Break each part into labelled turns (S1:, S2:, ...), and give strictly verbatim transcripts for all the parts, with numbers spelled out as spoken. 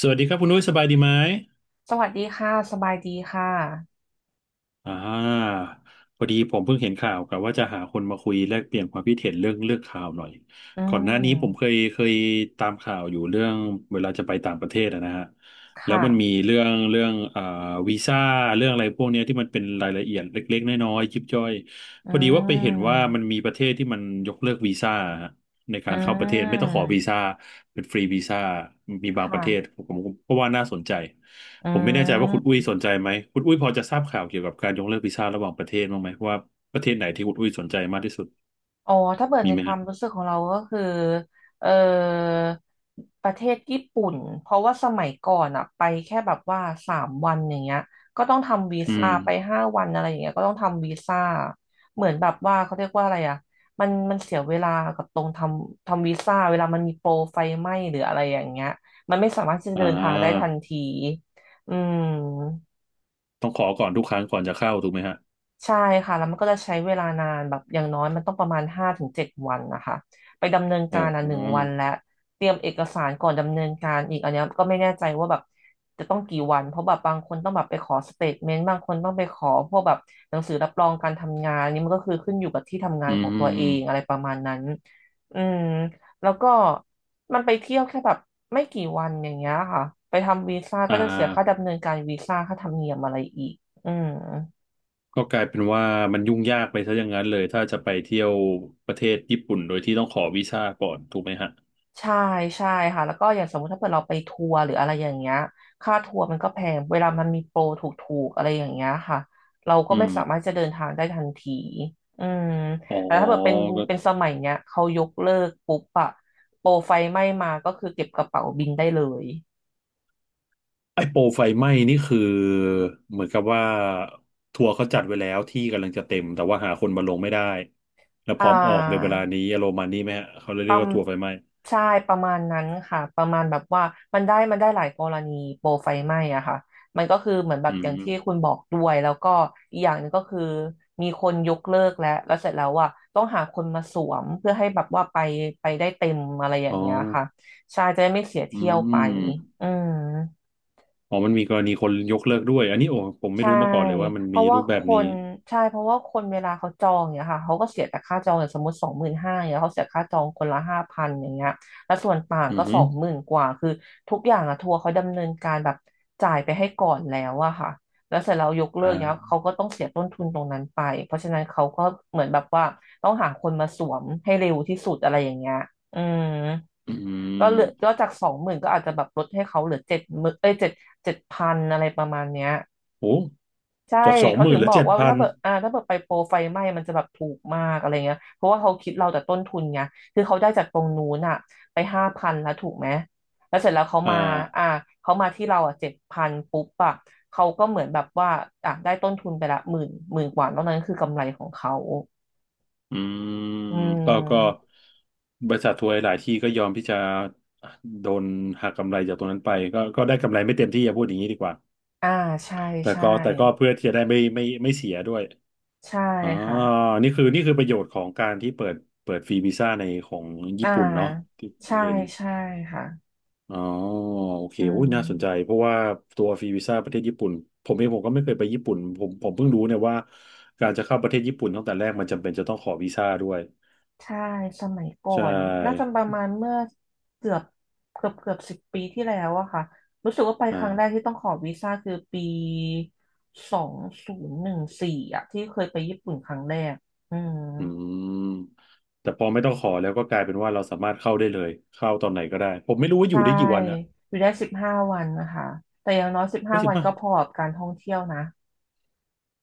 S1: สวัสดีครับคุณนุ้ยสบายดีไหม
S2: สวัสดีค่ะ สบายดีค่ะ
S1: อ่าพอดีผมเพิ่งเห็นข่าวกับว่าจะหาคนมาคุยแลกเปลี่ยนความคิดเห็นเรื่องเลือกข่าวหน่อย
S2: อื
S1: ก่อนหน้านี้ผมเค
S2: ม
S1: ยเคยตามข่าวอยู่เรื่องเวลาจะไปต่างประเทศอะนะฮะแล้ว
S2: ค่ะ
S1: มันมีเรื่องเรื่องอ่าวีซ่าเรื่องอะไรพวกเนี้ยที่มันเป็นรายละเอียดเล็กๆน้อยๆยิบย่อย
S2: อื
S1: พอดีว่าไปเห็นว่ามัน
S2: ม
S1: มีประเทศที่มันยกเลิกวีซ่า ใน
S2: อื
S1: การเข้าประเทศไม่ต้องขอ
S2: ม
S1: วีซ่าเป็นฟรีวีซ่ามีบางประเทศ
S2: ค่ะ
S1: ผมผมก็ว่าน่าสนใจ
S2: อื
S1: ผมไม่แน่ใจว่าคุณอุ้
S2: ม
S1: ยสนใจไหมคุณอุ้ยพอจะทราบข่าวเกี่ยวกับการยกเลิกวีซ่าระหว่างประเทศบ้างไหมว่าประเทศไหนที่คุณอุ้ยสนใจมากที่สุด
S2: อ๋อถ้าเปิด
S1: มี
S2: ใน
S1: ไหม
S2: ความ
S1: ฮะ
S2: รู้สึกของเราก็คือเออประเทศญี่ปุ่นเพราะว่าสมัยก่อนอะไปแค่แบบว่าสามวันอย่างเงี้ยก็ต้องทำวี
S1: อื
S2: ซ่า
S1: ม
S2: ไปห้าวันอะไรอย่างเงี้ยก็ต้องทำวีซ่าเหมือนแบบว่าเขาเรียกว่าอะไรอะมันมันเสียเวลากับตรงทำทำวีซ่าเวลามันมีโปรไฟไหม้หรืออะไรอย่างเงี้ยมันไม่สามารถที่จะ
S1: อ่
S2: เดินทางได้ทั
S1: า
S2: นทีอืม
S1: ต้องขอก่อนทุกครั้งก่อนจะเข้าถูกไหมฮะ
S2: ใช่ค่ะแล้วมันก็จะใช้เวลานานแบบอย่างน้อยมันต้องประมาณห้าถึงเจ็ดวันนะคะไปดำเนิน
S1: โอ้
S2: การอ่ะ
S1: อื
S2: หนึ่ง
S1: ม
S2: วันและเตรียมเอกสารก่อนดำเนินการอีกอันเนี้ยก็ไม่แน่ใจว่าแบบจะต้องกี่วันเพราะแบบบางคนต้องแบบไปขอสเตทเมนต์บางคนต้องไปขอพวกแบบหนังสือรับรองการทำงานอันนี่มันก็คือขึ้นอยู่กับที่ทำงา
S1: อื
S2: นข
S1: ม
S2: อง
S1: อ
S2: ตัวเองอะไร
S1: ม
S2: ประมาณนั้นอืมแล้วก็มันไปเที่ยวแค่แบบไม่กี่วันอย่างเงี้ยค่ะไปทำวีซ่าก็
S1: อ่า
S2: จะเสียค่าดำเนินการวีซ่าค่าธรรมเนียมอะไรอีกอืม
S1: ก็กลายเป็นว่ามันยุ่งยากไปซะอย่างนั้นเลยถ้าจะไปเที่ยวประเทศญี่ปุ่นโดยที่ต้องขอวีซ่าก่อนถูกไหมฮะ
S2: ใช่ใช่ค่ะแล้วก็อย่างสมมติถ้าเกิดเราไปทัวร์หรืออะไรอย่างเงี้ยค่าทัวร์มันก็แพงเวลามันมีโปรถูกๆอะไรอย่างเงี้ยค่ะเราก็
S1: อื
S2: ไม่
S1: ม
S2: สามารถจะเดินทางได้ทันทีอืม
S1: อ๋อ
S2: แต่ถ้าเกิดเป็นเป็นสมัยเนี้ยเขายกเลิกปุ๊บอะโปรไฟไหม้มาก็คือเก็บกระเป๋าบินได้เลย
S1: ไอ้โปรไฟไหม้นี่คือเหมือนกับว่าทัวร์เขาจัดไว้แล้วที่กำลังจะเต็มแต่ว่าหาคนมาลงไม่ได้แล้วพ
S2: อ่
S1: ร้อมออกในเว
S2: า
S1: ลานี้อารมณ์ประมาณนี้ไหมฮะเขาเลย
S2: ป
S1: เรี
S2: ระ
S1: ยก
S2: ม
S1: ว่าทัวร์ไฟไหม้
S2: ใช่ประมาณนั้นค่ะประมาณแบบว่ามันได้มันได้หลายกรณีโปรไฟไหม้อะค่ะมันก็คือเหมือนแบ
S1: อื
S2: บอย่าง
S1: ม
S2: ที่คุณบอกด้วยแล้วก็อีกอย่างหนึงก็คือมีคนยกเลิกแล้วแล้วเสร็จแล้วอะต้องหาคนมาสวมเพื่อให้แบบว่าไปไปได้เต็มอะไรอย่า
S1: อ๋
S2: ง
S1: อ
S2: เงี้ยค่ะใช่จะได้ไม่เสีย
S1: อื
S2: เที่ยวไป
S1: ม
S2: อืม
S1: อ๋อมันมีกรณีคนยกเลิกด้วยอันนี้โอ้ผมไม่
S2: ใช่
S1: รู้มาก่อนเลยว่ามัน
S2: เพ
S1: มี
S2: ราะว่า
S1: รูปแบ
S2: ค
S1: บนี้
S2: นใช่เพราะว่าคนเวลาเขาจองเนี่ยค่ะเขาก็เสียแต่ค่าจองอย่างสมมติสองหมื่นห้าเนี่ยเขาเสียค่าจองคนละห้าพันอย่างเงี้ยแล้วส่วนต่าง
S1: อื
S2: ก็
S1: อฮึ
S2: สองหมื่นกว่าคือทุกอย่างอะทัวร์เขาดำเนินการแบบจ่ายไปให้ก่อนแล้วอะค่ะแล้วเสร็จแล้วยกเลิกเนี่ย
S1: อ่า
S2: เขาก็ต้องเสียต้นทุนตรงนั้นไปเพราะฉะนั้นเขาก็เหมือนแบบว่าต้องหาคนมาสวมให้เร็วที่สุดอะไรอย่างเงี้ยอืม
S1: อื
S2: ก็
S1: ม
S2: เหลือก็จากสองหมื่นก็อาจจะแบบลดให้เขาเหลือเจ็ดหมื่นเอ้ยเจ็ดเจ็ดพันอะไรประมาณเนี้ย
S1: โอ้
S2: ใช่
S1: จากสอง
S2: เขา
S1: หมื่
S2: ถึ
S1: น
S2: ง
S1: เหลื
S2: บ
S1: อ
S2: อก
S1: เจ็ด
S2: ว่า
S1: พั
S2: ถ้า
S1: น
S2: เปิดอ่าถ้าเปิดไปโปรไฟไหม้มันจะแบบถูกมากอะไรเงี้ยเพราะว่าเขาคิดเราแต่ต้นทุนไงคือเขาได้จากตรงนู้นอ่ะไปห้าพันแล้วถูกไหมแล้วเสร็จแล้วเขา
S1: อ่
S2: มาอ่า
S1: า
S2: เขามาที่เราอ่ะเจ็ดพันปุ๊บอ่ะเขาก็เหมือนแบบว่าอ่ะได้ต้นทุนไปละหมื่นหมื่นกว่าแล้วนั้นคือกำไรของเขา
S1: อืม
S2: อื
S1: ก็ก็
S2: ม
S1: บริษัททัวร์หลายที่ก็ยอมที่จะโดนหักกำไรจากตรงนั้นไปก็ก็ได้กำไรไม่เต็มที่อย่าพูดอย่างนี้ดีกว่า
S2: อ่าใช่
S1: แต่
S2: ใช่
S1: ก็แต่ก็เพื่อที่จะได้ไม่ไม่ไม่เสียด้วย
S2: ใช่
S1: อ๋อ
S2: ค่ะ
S1: นี่คือนี่คือประโยชน์ของการที่เปิดเปิดฟรีวีซ่าในของญี่
S2: อ่า
S1: ปุ่นเนาะที่
S2: ใช่
S1: เรียน
S2: ใช่ค่ะ
S1: อ๋อโอเค
S2: อื
S1: โอ้ยน่าสนใจ
S2: ม
S1: เพราะว่าตัวฟรีวีซ่าประเทศญี่ปุ่นผมเองผมก็ไม่เคยไปญี่ปุ่นผมผมเพิ่งรู้เนี่ยว่าการจะเข้าประเทศญี่ปุ่นตั้งแต่แรกมันจำเป็นจะต้องขอวีซ่าด้วย
S2: ใช่สมัยก่อ
S1: ใช
S2: นน่าจะ
S1: ่
S2: ประมาณเมื่อเกือบเกือบเกือบสิบปีที่แล้วอะค่ะรู้สึกว่าไปครั้
S1: อ่า
S2: งแรกที่ต้องขอวีซ่าคือปีสองศูนย์หนึ่งสี่อะที่เคยไปญี่ปุ่นครั้งแรกอืม
S1: อืมแต่พอไม่ต้องขอแล้วก็กลายเป็นว่าเราสามารถเข้าได้เลยเข้าตอนไหนก็ได้ผมไม่รู้ว่าอ
S2: ใช่
S1: ยู่ได้กี่วันนะ
S2: อยู่ได้สิบห้าวันนะคะแต่อย่างน้อยสิบห้า
S1: ว่าสิ
S2: วั
S1: บ
S2: น
S1: ห้า
S2: ก็พอกับการท่องเที่ยวนะ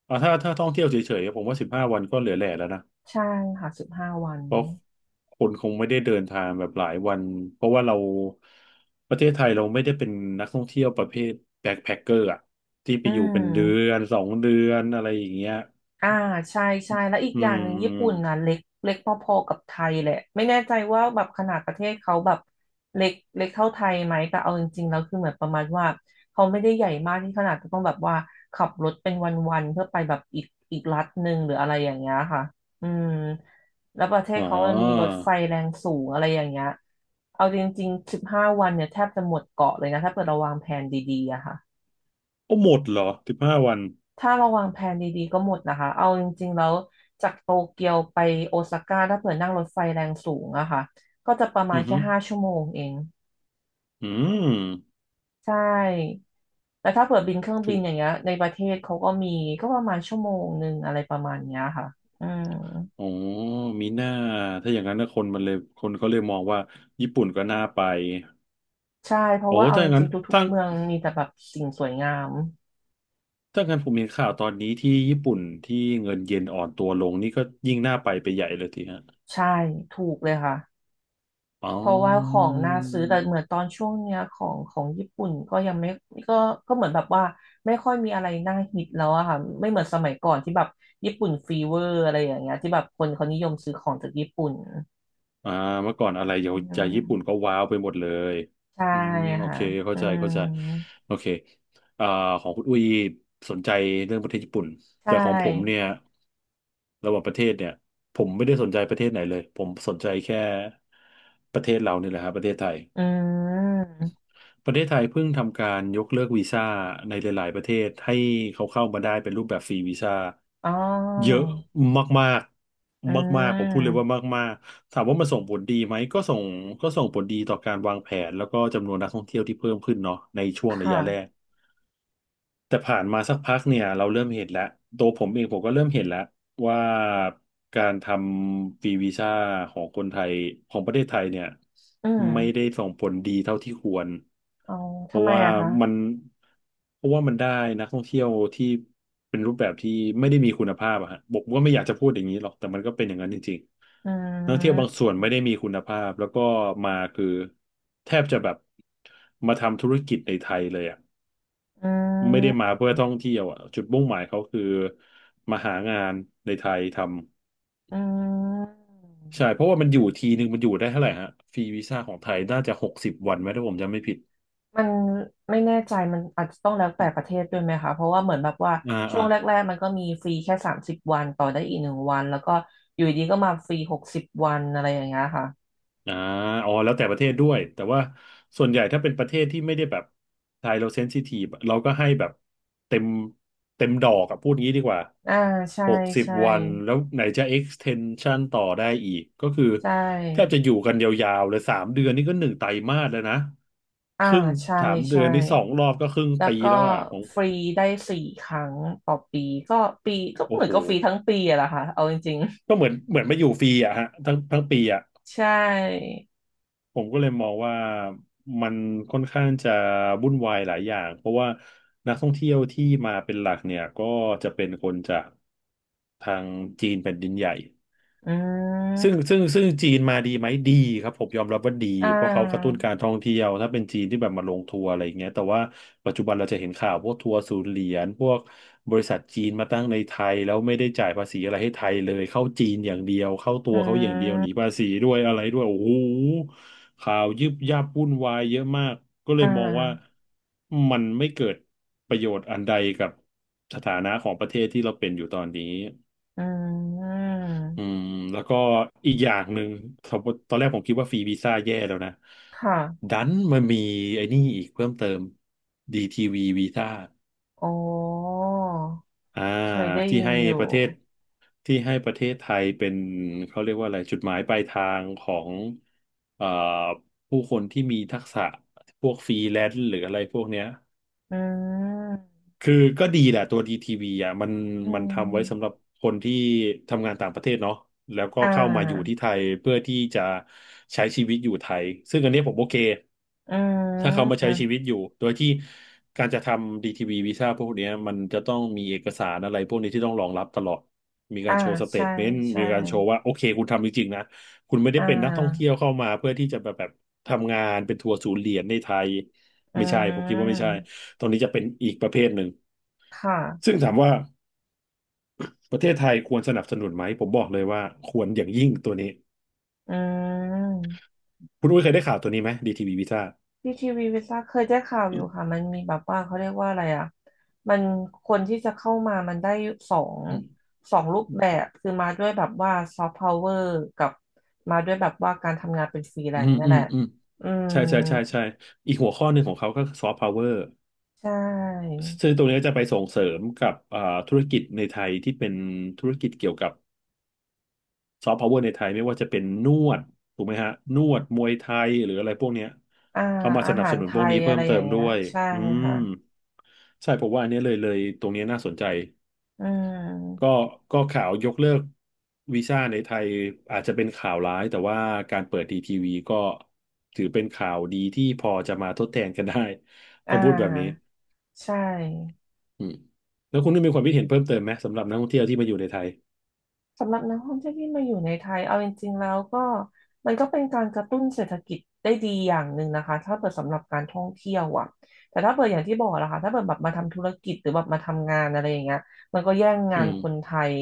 S1: อ่าถ้าถ้าท่องเที่ยวเฉยๆผมว่าสิบห้าวันก็เหลือแหล่แล้วนะ
S2: ใช่ค่ะสิบห้าวัน
S1: เพราะคนคงไม่ได้เดินทางแบบหลายวันเพราะว่าเราประเทศไทยเราไม่ได้เป็นนักท่องเที่ยวประเภทแบ็คแพ็คเกอร์อะที่ไป
S2: อื
S1: อยู่เป็นเดือ
S2: ม
S1: นสองเดือนอะไรอย่างเงี้ย
S2: อ่าใช่ใช่แล้วอีก
S1: อื
S2: อย่างหนึ่งญี่ปุ่น
S1: ม
S2: นะเล็กเล็กพอๆกับไทยแหละไม่แน่ใจว่าแบบขนาดประเทศเขาแบบเล็กเล็กเท่าไทยไหมแต่เอาจริงๆแล้วคือเหมือนประมาณว่าเขาไม่ได้ใหญ่มากที่ขนาดจะต้องแบบว่าขับรถเป็นวันๆเพื่อไปแบบอีกอีกรัฐหนึ่งหรืออะไรอย่างเงี้ยค่ะอืมแล้วประเทศ
S1: อ๋อ
S2: เขามันมีรถไฟแรงสูงอะไรอย่างเงี้ยเอาจริงๆสิบห้าวันเนี่ยแทบจะหมดเกาะเลยนะถ้าเกิดเราวางแผนดีๆอะค่ะ
S1: โอ้หมดเหรอสิบห้าวัน
S2: ถ้าเราวางแผนดีๆก็หมดนะคะ เอาจริงๆแล้วจากโตเกียวไปโอซาก้าถ้าเผื่อนั่งรถไฟแรงสูงอะค่ะก็จะประมา
S1: อื
S2: ณ
S1: อ
S2: แค่
S1: หือ
S2: ห้าชั่วโมงเอง
S1: อื
S2: ใช่แต่ถ้าเผื่อบินเครื่องบินอย่าง
S1: ม
S2: เงี้ยในประเทศเขาก็มีก็ประมาณชั่วโมงหนึ่งอะไรประมาณเนี้ยค่ะอืม
S1: อ๋อมีหน้าถ้าอย่างนั้นนะคนมันเลยคนเขาเลยมองว่าญี่ปุ่นก็น่าไป
S2: ใช่เพราะ
S1: โอ้
S2: ว่าเอา
S1: ถ้าอ
S2: จ
S1: ย่างนั้
S2: ริ
S1: น
S2: งๆทุก
S1: ถ้า
S2: ๆเมืองมีแต่แบบสิ่งสวยงาม
S1: ถ้างั้นผมเห็นข่าวตอนนี้ที่ญี่ปุ่นที่เงินเยนอ่อนตัวลงนี่ก็ยิ่งน่าไปไปใหญ่เลยทีฮะ
S2: ใช่ถูกเลยค่ะ
S1: อ๋
S2: เพราะว่าขอ
S1: อ
S2: งน่าซื้อแต่เหมือนตอนช่วงเนี้ยของของญี่ปุ่นก็ยังไม่ก็ก็เหมือนแบบว่าไม่ค่อยมีอะไรน่าฮิตแล้วอะค่ะไม่เหมือนสมัยก่อนที่แบบญี่ปุ่นฟีเวอร์อะไรอย่างเงี้ยที่แบบคนเขานิยมซื้อของจากญี่ปุ่น
S1: อ่าเมื่อก่อนอะไร
S2: อื
S1: เยาวใจญี่ปุ่นก็
S2: ม
S1: ว้าวไปหมดเลย
S2: ใช่
S1: อืมโอ
S2: ค่ะ
S1: เคเข้า
S2: อื
S1: ใจเข้าใจ
S2: ม
S1: โอเคอ่าของคุณอุ้ยสนใจเรื่องประเทศญี่ปุ่น
S2: ใช
S1: แต่ของผม
S2: ่
S1: เนี่ยระหว่างประเทศเนี่ยผมไม่ได้สนใจประเทศไหนเลยผมสนใจแค่ประเทศเราเนี่ยแหละครับประเทศไทย
S2: อืม
S1: ประเทศไทยเพิ่งทำการยกเลิกวีซ่าในหลายๆประเทศให้เขาเข้ามาได้เป็นรูปแบบฟรีวีซ่า
S2: อ๋อ
S1: เยอะมาก
S2: อื
S1: ๆมากๆผมพูดเลยว่า
S2: ม
S1: มากๆถามว่ามันส่งผลดีไหมก็ส่งก็ส่งผลดีต่อการวางแผนแล้วก็จำนวนนักท่องเที่ยวที่เพิ่มขึ้นเนาะในช่วง
S2: ค
S1: ระยะแร
S2: ่ะ
S1: ก แต่ผ่านมาสักพักเนี่ยเราเริ่มเห็นแล้วตัวผมเองผมก็เริ่มเห็นแล้วว่าการทำฟรีวีซ่าของคนไทยของประเทศไทยเนี่ย
S2: อืม
S1: ไม่ได้ส่งผลดีเท่าที่ควร
S2: อ๋อ
S1: เพ
S2: ทำ
S1: ราะ
S2: ไม
S1: ว่า
S2: อะคะ
S1: มันเพราะว่ามันได้นักท่องเที่ยวที่เป็นรูปแบบที่ไม่ได้มีคุณภาพอะฮะบอกว่าไม่อยากจะพูดอย่างนี้หรอกแต่มันก็เป็นอย่างนั้นจริง
S2: อื
S1: ๆนักท่องเที่ยวบางส่วนไม่ได้มี
S2: ม
S1: คุณภาพแล้วก็มาคือแทบจะแบบมาทำธุรกิจในไทยเลยอะ
S2: อื
S1: ไม่ได้มา
S2: ม
S1: เพื่อท่องเที่ยวอ่ะจุดมุ่งหมายเขาคือมาหางานในไทยทำ
S2: อื
S1: ใช่
S2: ม
S1: เพราะว่ามันอยู่ทีนึงมันอยู่ได้เท่าไหร่ฮะฟรีวีซ่าของไทยน่าจะหกสิบวันไหมถ้าผมจำไม่ผิด
S2: มันไม่แน่ใจมันอาจจะต้องแล้วแต่ประเทศด้วยไหมคะเพราะว่าเหมือนแบบว่า
S1: อ่า
S2: ช่ว
S1: อ่า
S2: งแรกๆมันก็มีฟรีแค่สามสิบวันต่อได้อีกหนึ่งวันแล้วก็อยู่ดีก็มาฟรีหกสิบวันอะไรอย่างเงี้ยค่ะ
S1: อ่าอ๋อแล้วแต่ประเทศด้วยแต่ว่าส่วนใหญ่ถ้าเป็นประเทศที่ไม่ได้แบบไทยเราเซนซิทีฟเราก็ให้แบบเต็มเต็มดอกอะพูดงี้ดีกว่า
S2: อ่าใช่
S1: หกสิบ
S2: ใช่
S1: วันแล้วไหนจะ extension ต่อได้อีกก็คือ
S2: ใช
S1: แทบ
S2: ่
S1: จะอยู่กันยาวๆเลยสามเดือนนี่ก็หนึ่งไตรมาสแล้วนะ
S2: อ่า
S1: ครึ่ง
S2: ใช่
S1: สามเดื
S2: ใช่
S1: อนนี่สองรอบก็ครึ่ง
S2: แล้ว
S1: ปี
S2: ก็
S1: แล้วอ่ะของ
S2: ฟรีได้สี่ครั้งต่อปีก็ปีก็
S1: โอ้
S2: เหมือ
S1: โห
S2: นก็ฟรีทั้งปีอะแหละค่ะเอาจริง
S1: ก็เหมือนเหมือนมาอยู่ฟรีอะฮะทั้งทั้งปีอะ
S2: ๆใช่
S1: ผมก็เลยมองว่ามันค่อนข้างจะวุ่นวายหลายอย่างเพราะว่านักท่องเที่ยวที่มาเป็นหลักเนี่ยก็จะเป็นคนจากทางจีนแผ่นดินใหญ่
S2: อื
S1: ซึ่ง
S2: ม
S1: ซึ่งซึ่งจีนมาดีไหมดีครับผมยอมรับว่าดี
S2: อ่
S1: เพราะเขากระตุ้น
S2: า
S1: การท่องเที่ยวถ้าเป็นจีนที่แบบมาลงทัวร์อะไรอย่างเงี้ยแต่ว่าปัจจุบันเราจะเห็นข่าวพวกทัวร์ศูนย์เหรียญพวกบริษัทจีนมาตั้งในไทยแล้วไม่ได้จ่ายภาษีอะไรให้ไทยเลยเข้าจีนอย่างเดียวเข้าตั
S2: อื
S1: วเขาอย่างเดียวหนี
S2: ม
S1: ภาษีด้วยอะไรด้วยโอ้โหข่าวยึบยับวุ่นวายเยอะมากก็เล
S2: อ่า
S1: ยมองว่ามันไม่เกิดประโยชน์อันใดกับสถานะของประเทศที่เราเป็นอยู่ตอนนี้
S2: อื
S1: อืม
S2: ม
S1: แล้วก็อีกอย่างหนึ่งสมมติตอนแรกผมคิดว่าฟรีวีซ่าแย่แล้วนะ
S2: ค่ะ
S1: ดันมันมีไอ้นี่อีกเพิ่มเติม ดี ที วี วีวีซ่า
S2: อ๋อ
S1: อ่า
S2: เคยได้
S1: ที่
S2: ยิน
S1: ให้
S2: อ
S1: ป
S2: ยู่
S1: ระเทศที่ให้ประเทศไทยเป็นเขาเรียกว่าอะไรจุดหมายปลายทางของเอ่อผู้คนที่มีทักษะพวกฟรีแลนซ์หรืออะไรพวกเนี้ย
S2: อืม
S1: คือก็ดีแหละตัวดีทีวีอ่ะมัน
S2: อื
S1: มันทำไว้สำห
S2: ม
S1: รับคนที่ทำงานต่างประเทศเนาะแล้วก็
S2: อ่
S1: เข้ามาอยู่ที่
S2: า
S1: ไทยเพื่อที่จะใช้ชีวิตอยู่ไทยซึ่งอันนี้ผมโอเค
S2: อื
S1: ถ้าเขามา
S2: ม
S1: ใช้ชีวิตอยู่โดยที่การจะทำดีทีวีวีซ่าพวกเนี้ยมันจะต้องมีเอกสารอะไรพวกนี้ที่ต้องรองรับตลอดมี
S2: อ่า
S1: การโชว์สเต
S2: ใช่
S1: ทเมนต์
S2: ใช่
S1: มีการโชว์ว่าโอเคคุณทำจริงๆนะคุณไม่ได้
S2: อ่
S1: เป็นนักท่อง
S2: า
S1: เที่ยวเข้ามาเพื่อที่จะแบบแบบทำงานเป็นทัวร์ศูนย์เหรียญในไทย
S2: อื
S1: ไม่ใช่ผมคิดว่าไม่ใช่
S2: ม
S1: ตรงนี้จะเป็นอีกประเภทหนึ่ง
S2: ค
S1: ซึ่
S2: ่ะ
S1: งถามว่าประเทศไทยควรสนับสนุนไหมผมบอกเลยว่าควรอย่างยิ่งตัวนี้
S2: อืม
S1: คุณอุ้ยเคยได้ข่าวตัวนี้ไหมดีทีวีวีซ่า
S2: พีทีวีวิซ่าเคยได้ข่าวอยู่
S1: อ
S2: ค่ะมันมีแบบว่าเขาเรียกว่าอะไรอ่ะมันคนที่จะเข้ามามันได้สอง
S1: ืม
S2: สองรูปแบบคือมาด้วยแบบว่าซอฟต์พาวเวอร์กับมาด้วยแบบว่าการทำงานเป็นฟรีแล
S1: อื
S2: น
S1: ม
S2: ซ์เนี่ย
S1: อื
S2: แห
S1: ม
S2: ละ
S1: อืม
S2: อืม
S1: ใช่ใช่ใช่ใช่อีกหัวข้อหนึ่งของเขาก็คือซอฟต์พาวเวอร์
S2: ใช่
S1: ซึ่งตรงนี้จะไปส่งเสริมกับอ่าธุรกิจในไทยที่เป็นธุรกิจเกี่ยวกับซอฟต์พาวเวอร์ในไทยไม่ว่าจะเป็นนวดถูกไหมฮะนวดมวยไทยหรืออะไรพวกเนี้ย
S2: อ่า
S1: เขามา
S2: อา
S1: สนับ
S2: หา
S1: ส
S2: ร
S1: นุน
S2: ไท
S1: พวก
S2: ย
S1: นี้เพิ่
S2: อะไร
S1: ม
S2: อ
S1: เติ
S2: ย่าง
S1: ม
S2: เงี้
S1: ด้
S2: ย
S1: วย
S2: ใช่
S1: อืม
S2: ค่ะ
S1: ใช่ผมว่าอันเนี้ยเลยเลยตรงเนี้ยน่าสนใจ
S2: อื
S1: ก็
S2: ม
S1: ก็ข่าวยกเลิกวีซ่าในไทยอาจจะเป็นข่าวร้ายแต่ว่าการเปิดดีทีวีก็ถือเป็นข่าวดีที่พอจะมาทดแทนกันได้
S2: อ่
S1: ถ้าพูดแบบนี้
S2: าใช่
S1: อืมแล้วคุณได้มีความคิดเห็นเพิ่มเติมไหมสำหรับนักท่องเที่ยวที่มาอยู่ในไทย
S2: สำหรับนักท่องเที่ยวที่มาอยู่ในไทยเอาจริงๆแล้วก็มันก็เป็นการกระตุ้นเศรษฐกิจได้ดีอย่างหนึ่งนะคะถ้าเปิดสำหรับการท่องเที่ยวอ่ะแต่ถ้าเปิดอย่างที่บอกนะคะถ้าเปิดแบบมาทำธุรกิจหรือแบบมาทำงานอะไรอย่างเงี้ยมันก็แย่ง
S1: อื
S2: งาน
S1: ม
S2: คนไทย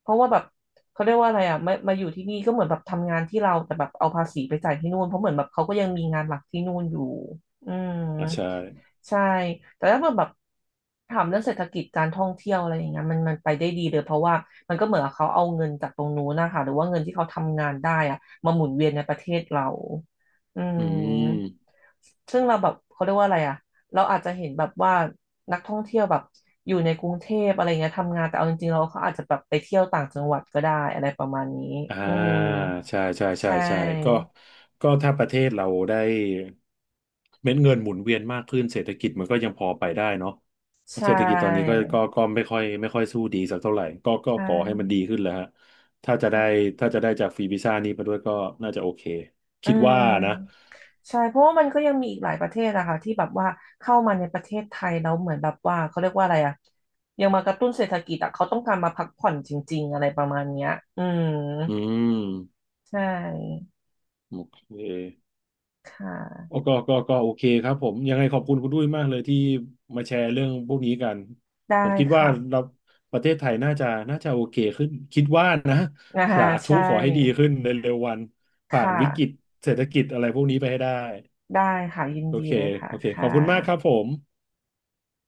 S2: เพราะว่าแบบเขาเรียกว่าอะไรอ่ะมามาอยู่ที่นี่ก็เหมือนแบบทำงานที่เราแต่แบบเอาภาษีไปจ่ายที่นู่นเพราะเหมือนแบบเขาก็ยังมีงานหลักที่นู่นอยู่อืม
S1: อ่าใช่
S2: ใช่แต่ถ้าเกิดแบบถามเรื่องเศรษฐกิจการท่องเที่ยวอะไรอย่างเงี้ยมันมันไปได้ดีเลยเพราะว่ามันก็เหมือนกับเขาเอาเงินจากตรงนู้นนะคะหรือว่าเงินที่เขาทำงานได้อะมาหมุนเวียนในประเทศเราอื
S1: อืม
S2: มซึ่งเราแบบเขาเรียกว่าอะไรอะเราอาจจะเห็นแบบว่านักท่องเที่ยวแบบอยู่ในกรุงเทพอะไรเงี้ยทำงานแต่เอาจริงๆเราเขาอาจจะแบบไปเที่ยวต่างจังหวัดก็ได้อะไรประมาณนี้
S1: อ่า
S2: อืม
S1: ใช่ใช่
S2: ใช
S1: ใช่ใช่ก็
S2: ่
S1: ก็ถ้าประเทศเราได้เม็ดเงินหมุนเวียนมากขึ้นเศรษฐกิจมันก็ยังพอไปได้เนาะ
S2: ใช่
S1: เศรษฐกิจตอนนี้ก็ก็ก็ไม่ค่อยไม่ค่อยสู้ดีสักเท่าไหร่ก็ก็
S2: ใช
S1: ขอให้มัน
S2: ่
S1: ดีขึ้นแหล้วฮะถ้าจะ
S2: ใช่
S1: ได้ถ้าจะได้จากฟรีวีซ่านี้มาด้วยก็น่าจะโอเค
S2: อื
S1: คิดว่านะ
S2: มใช่เพราะว่ามันก็ยังมีอีกหลายประเทศอะค่ะที่แบบว่าเข้ามาในประเทศไทยแล้วเหมือนแบบว่าเขาเรียกว่าอะไรอะยังมากระตุ้นเศรษฐกิจอะเขาต้องการมาพักผ่อนจริงๆอะไรประมาณเนี้ยอืม
S1: อืม
S2: ใช่
S1: โอเค
S2: ค่
S1: โอ้
S2: ะ
S1: ก็ก็ก็โอเคครับผมยังไงขอบคุณคุณด้วยมากเลยที่มาแชร์เรื่องพวกนี้กัน
S2: ได้
S1: ผมคิดว่า
S2: ค่ะ
S1: เราประเทศไทยน่าจะน่าจะโอเคขึ้นคิดว่านะ
S2: อ่า
S1: สาธุ
S2: ใช่
S1: ขอให้ดีขึ้นในเร็ววัน
S2: ค
S1: ผ่านวิกฤต
S2: ่ะ
S1: เศรษฐกิจอะไรพวกนี้ไปให้ได้
S2: ได้ค่ะยิน
S1: โอ
S2: ดี
S1: เค
S2: เลยค่ะ
S1: โอเคขอบ
S2: ค่ะ
S1: คุณมากครับผม